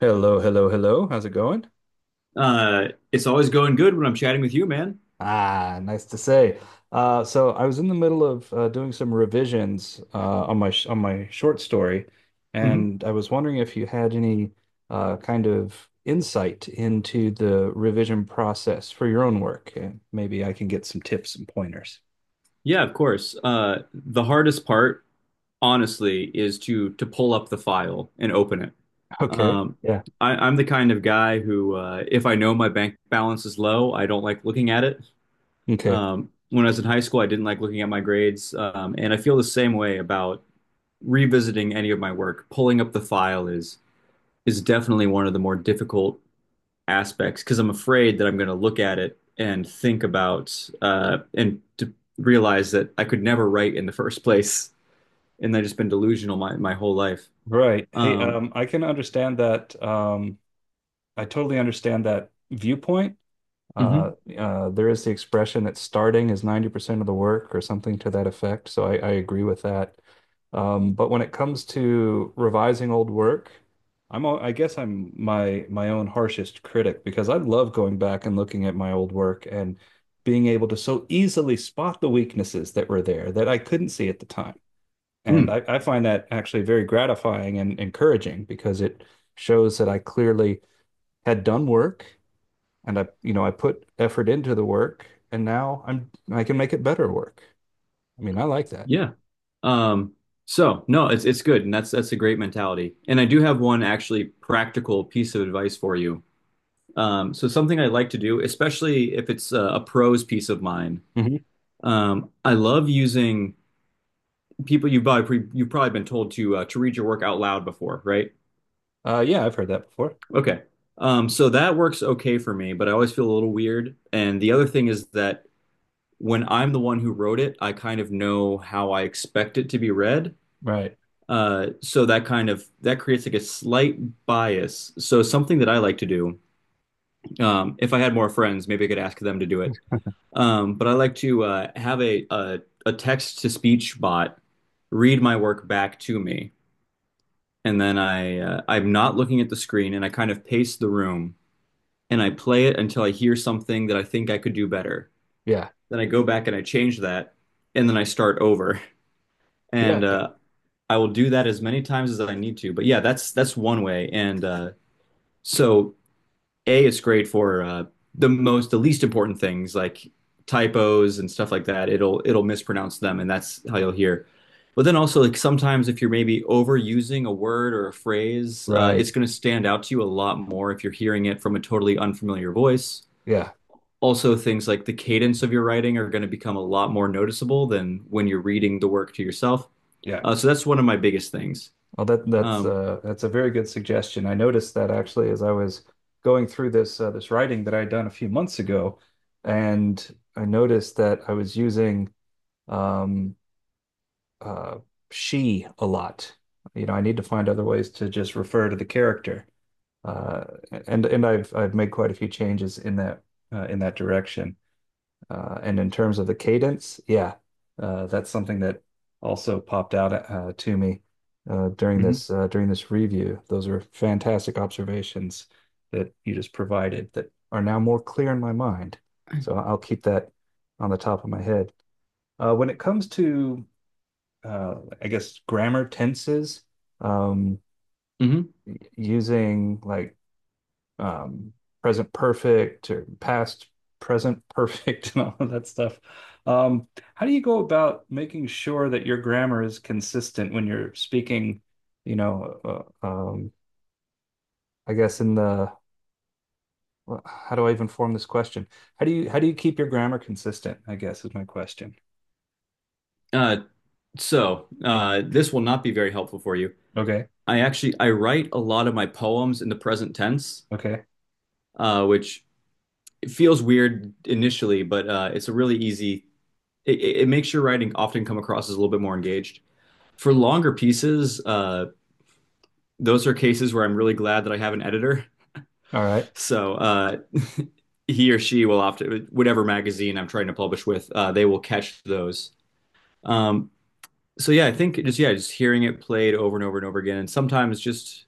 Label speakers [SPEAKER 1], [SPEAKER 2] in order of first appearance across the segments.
[SPEAKER 1] Hello, hello, hello. How's it going?
[SPEAKER 2] It's always going good when I'm chatting with you, man.
[SPEAKER 1] Ah, nice to say. So I was in the middle of doing some revisions on my sh on my short story,
[SPEAKER 2] hmm
[SPEAKER 1] and I was wondering if you had any kind of insight into the revision process for your own work, and maybe I can get some tips and pointers.
[SPEAKER 2] Yeah, of course. The hardest part, honestly, is to pull up the file and open it.
[SPEAKER 1] Okay.
[SPEAKER 2] Um,
[SPEAKER 1] Yeah.
[SPEAKER 2] I'm the kind of guy who, if I know my bank balance is low, I don't like looking at it.
[SPEAKER 1] Okay.
[SPEAKER 2] When I was in high school, I didn't like looking at my grades, and I feel the same way about revisiting any of my work. Pulling up the file is definitely one of the more difficult aspects because I'm afraid that I'm going to look at it and think about and to realize that I could never write in the first place, and I've just been delusional my whole life.
[SPEAKER 1] Right. Hey,
[SPEAKER 2] Um,
[SPEAKER 1] I can understand that. I totally understand that viewpoint. Uh,
[SPEAKER 2] mhm,
[SPEAKER 1] there is the expression that starting is 90% of the work or something to that effect. So I agree with that. But when it comes to revising old work, I guess I'm my own harshest critic because I love going back and looking at my old work and being able to so easily spot the weaknesses that were there that I couldn't see at the time. And
[SPEAKER 2] mm,
[SPEAKER 1] I find that actually very gratifying and encouraging because it shows that I clearly had done work and I I put effort into the work, and now I can make it better work. I mean, I like that.
[SPEAKER 2] yeah. Um, so no, it's good, and that's a great mentality. And I do have one actually practical piece of advice for you. So something I like to do, especially if it's a prose piece of mine,
[SPEAKER 1] Mhm.
[SPEAKER 2] I love using people you've probably been told to read your work out loud before, right?
[SPEAKER 1] Yeah, I've heard that before.
[SPEAKER 2] Okay. So that works okay for me, but I always feel a little weird. And the other thing is that when I'm the one who wrote it, I kind of know how I expect it to be read.
[SPEAKER 1] Right.
[SPEAKER 2] So that kind of that creates like a slight bias. So something that I like to do, if I had more friends, maybe I could ask them to do it. But I like to have a text to speech bot read my work back to me, and then I'm not looking at the screen, and I kind of pace the room and I play it until I hear something that I think I could do better.
[SPEAKER 1] Yeah.
[SPEAKER 2] Then I go back and I change that, and then I start over.
[SPEAKER 1] Yeah.
[SPEAKER 2] And I will do that as many times as I need to. But yeah, that's one way. And so A, it's great for the least important things like typos and stuff like that. It'll mispronounce them, and that's how you'll hear. But then also, like sometimes if you're maybe overusing a word or a phrase,
[SPEAKER 1] Right.
[SPEAKER 2] it's going to stand out to you a lot more if you're hearing it from a totally unfamiliar voice.
[SPEAKER 1] Yeah.
[SPEAKER 2] Also things like the cadence of your writing are going to become a lot more noticeable than when you're reading the work to yourself.
[SPEAKER 1] Yeah.
[SPEAKER 2] So that's one of my biggest things.
[SPEAKER 1] Well, that that's
[SPEAKER 2] Um,
[SPEAKER 1] uh that's a very good suggestion. I noticed that actually as I was going through this writing that I had done a few months ago, and I noticed that I was using um uh she a lot. You know, I need to find other ways to just refer to the character. uh, and I've made quite a few changes in that direction. And in terms of the cadence, yeah, that's something that also popped out to me
[SPEAKER 2] Mhm.
[SPEAKER 1] during this review. Those are fantastic observations that you just provided that are now more clear in my mind. So I'll keep that on the top of my head. When it comes to uh, I guess grammar tenses, um,
[SPEAKER 2] mhm.
[SPEAKER 1] using like um, present perfect or past present perfect and all of that stuff. Um, how do you go about making sure that your grammar is consistent when you're speaking, you know, I guess in the, well, how do I even form this question? How do you keep your grammar consistent? I guess is my question.
[SPEAKER 2] Uh, this will not be very helpful for you.
[SPEAKER 1] Okay.
[SPEAKER 2] I write a lot of my poems in the present tense,
[SPEAKER 1] Okay.
[SPEAKER 2] which feels weird initially, but it's a really easy. It makes your writing often come across as a little bit more engaged. For longer pieces, those are cases where I'm really glad that I have an editor.
[SPEAKER 1] All right.
[SPEAKER 2] So uh, he or she will often, whatever magazine I'm trying to publish with, they will catch those. Um, so yeah, I think just hearing it played over and over and over again, and sometimes just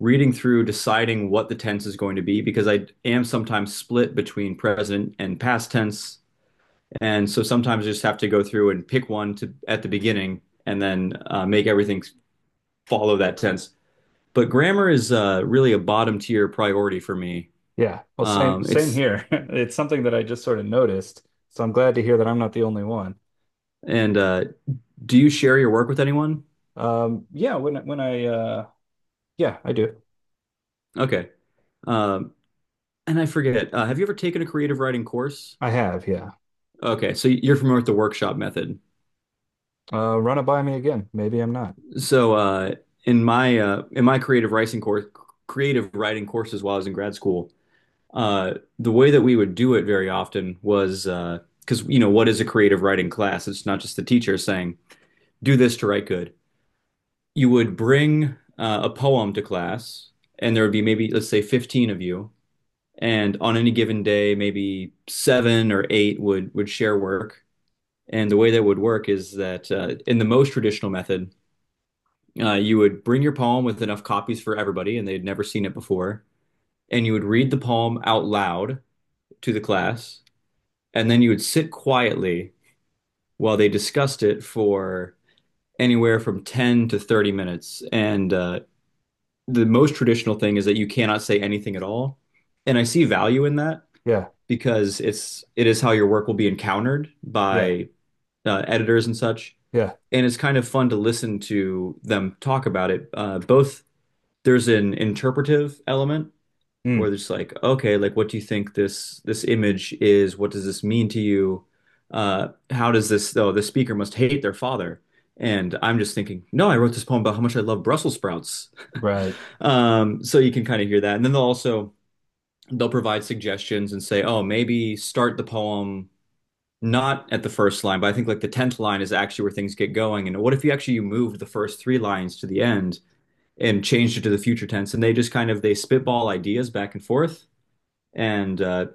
[SPEAKER 2] reading through, deciding what the tense is going to be, because I am sometimes split between present and past tense, and so sometimes I just have to go through and pick one to at the beginning, and then make everything follow that tense. But grammar is really a bottom tier priority for me.
[SPEAKER 1] Yeah. Well, same same
[SPEAKER 2] It's
[SPEAKER 1] here. It's something that I just sort of noticed, so I'm glad to hear that I'm not the only one.
[SPEAKER 2] and Do you share your work with anyone?
[SPEAKER 1] Um, yeah, when when I uh yeah, I do.
[SPEAKER 2] Okay. Um, and I forget, have you ever taken a creative writing course?
[SPEAKER 1] I have, yeah.
[SPEAKER 2] Okay, so you're familiar with the workshop method.
[SPEAKER 1] Run it by me again. Maybe I'm not.
[SPEAKER 2] So uh, in my creative writing courses while I was in grad school, the way that we would do it very often was because you know what is a creative writing class? It's not just the teacher saying do this to write good. You would bring a poem to class, and there would be maybe let's say 15 of you, and on any given day, maybe seven or eight would share work. And the way that would work is that in the most traditional method, you would bring your poem with enough copies for everybody, and they'd never seen it before, and you would read the poem out loud to the class, and then you would sit quietly while they discussed it for anywhere from 10 to 30 minutes. And the most traditional thing is that you cannot say anything at all. And I see value in that
[SPEAKER 1] Yeah,
[SPEAKER 2] because it is how your work will be encountered
[SPEAKER 1] yeah,
[SPEAKER 2] by editors and such.
[SPEAKER 1] yeah.
[SPEAKER 2] And it's kind of fun to listen to them talk about it. Both there's an interpretive element
[SPEAKER 1] Mm,
[SPEAKER 2] where it's like, okay, like what do you think this image is? What does this mean to you? How does this though? The speaker must hate their father. And I'm just thinking, no, I wrote this poem about how much I love Brussels sprouts.
[SPEAKER 1] right.
[SPEAKER 2] So you can kind of hear that. And then they'll provide suggestions and say, oh, maybe start the poem not at the first line, but I think like the tenth line is actually where things get going. And what if you moved the first three lines to the end and changed it to the future tense, and they just kind of they spitball ideas back and forth, and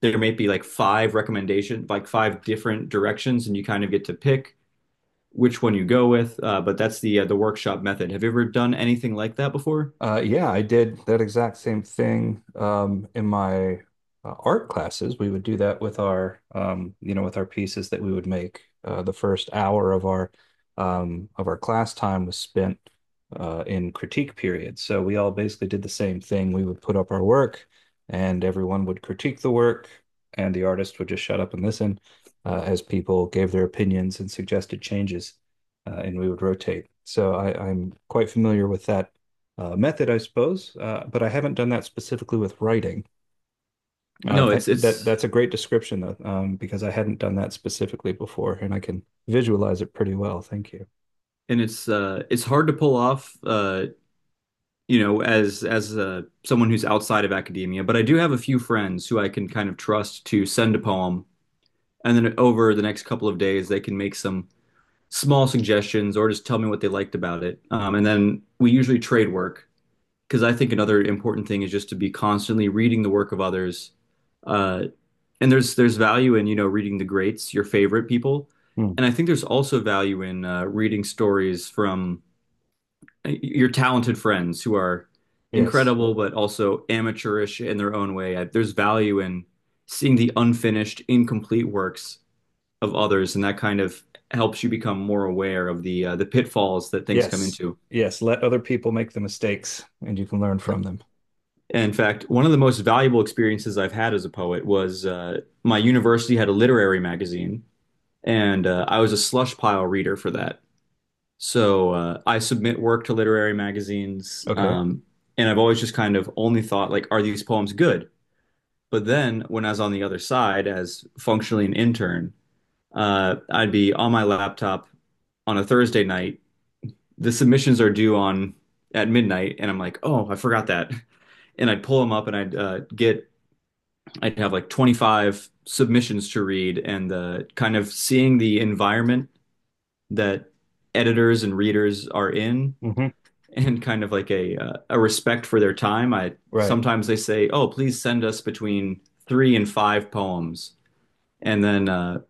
[SPEAKER 2] there may be like five different directions, and you kind of get to pick which one you go with, but that's the workshop method. Have you ever done anything like that before?
[SPEAKER 1] Yeah, I did that exact same thing in my art classes. We would do that with our, you know, with our pieces that we would make. The first hour of our class time was spent in critique period. So we all basically did the same thing. We would put up our work, and everyone would critique the work, and the artist would just shut up and listen as people gave their opinions and suggested changes, and we would rotate. So I'm quite familiar with that method, I suppose, but I haven't done that specifically with writing.
[SPEAKER 2] No,
[SPEAKER 1] Th that
[SPEAKER 2] it's
[SPEAKER 1] that's a great description though, because I hadn't done that specifically before, and I can visualize it pretty well. Thank you.
[SPEAKER 2] and it's it's hard to pull off, you know, as someone who's outside of academia, but I do have a few friends who I can kind of trust to send a poem and then over the next couple of days they can make some small suggestions or just tell me what they liked about it. And then we usually trade work because I think another important thing is just to be constantly reading the work of others. Uh, and There's value in, you know, reading the greats, your favorite people.
[SPEAKER 1] Hmm.
[SPEAKER 2] And I think there's also value in reading stories from your talented friends who are
[SPEAKER 1] Yes,
[SPEAKER 2] incredible but also amateurish in their own way. There's value in seeing the unfinished, incomplete works of others, and that kind of helps you become more aware of the pitfalls that things come
[SPEAKER 1] yes,
[SPEAKER 2] into.
[SPEAKER 1] yes. Let other people make the mistakes, and you can learn from them.
[SPEAKER 2] In fact, one of the most valuable experiences I've had as a poet was, my university had a literary magazine, and I was a slush pile reader for that. I submit work to literary magazines,
[SPEAKER 1] Okay.
[SPEAKER 2] and I've always just kind of only thought like, are these poems good? But then when I was on the other side as functionally an intern, I'd be on my laptop on a Thursday night. The submissions are due on at midnight, and I'm like, oh, I forgot that. And I'd pull them up I'd have like 25 submissions to read, and the kind of seeing the environment that editors and readers are in,
[SPEAKER 1] Hmm.
[SPEAKER 2] and kind of like a respect for their time. I
[SPEAKER 1] Right,
[SPEAKER 2] Sometimes they say, oh, please send us between three and five poems, and then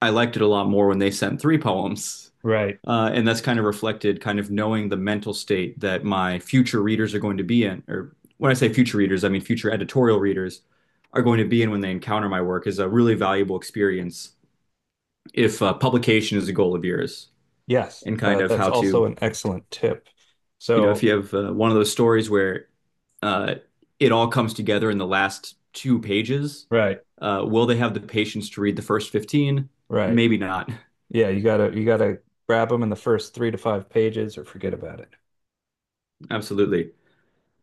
[SPEAKER 2] I liked it a lot more when they sent three poems.
[SPEAKER 1] right.
[SPEAKER 2] And that's kind of reflected knowing the mental state that my future readers are going to be in. Or when I say future readers, I mean future editorial readers are going to be in when they encounter my work is a really valuable experience if publication is a goal of yours
[SPEAKER 1] Yes,
[SPEAKER 2] and kind of
[SPEAKER 1] that's
[SPEAKER 2] how
[SPEAKER 1] also
[SPEAKER 2] to,
[SPEAKER 1] an excellent tip.
[SPEAKER 2] you know, if
[SPEAKER 1] So,
[SPEAKER 2] you have one of those stories where uh, it all comes together in the last two pages,
[SPEAKER 1] right,
[SPEAKER 2] will they have the patience to read the first 15?
[SPEAKER 1] right.
[SPEAKER 2] Maybe not.
[SPEAKER 1] Yeah, you gotta grab them in the first three to five pages, or forget about it.
[SPEAKER 2] Absolutely.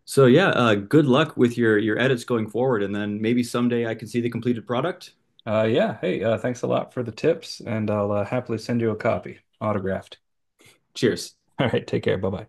[SPEAKER 2] So yeah, good luck with your edits going forward, and then maybe someday I can see the completed product.
[SPEAKER 1] Yeah. Hey, thanks a lot for the tips, and I'll happily send you a copy, autographed.
[SPEAKER 2] Cheers.
[SPEAKER 1] All right. Take care. Bye bye.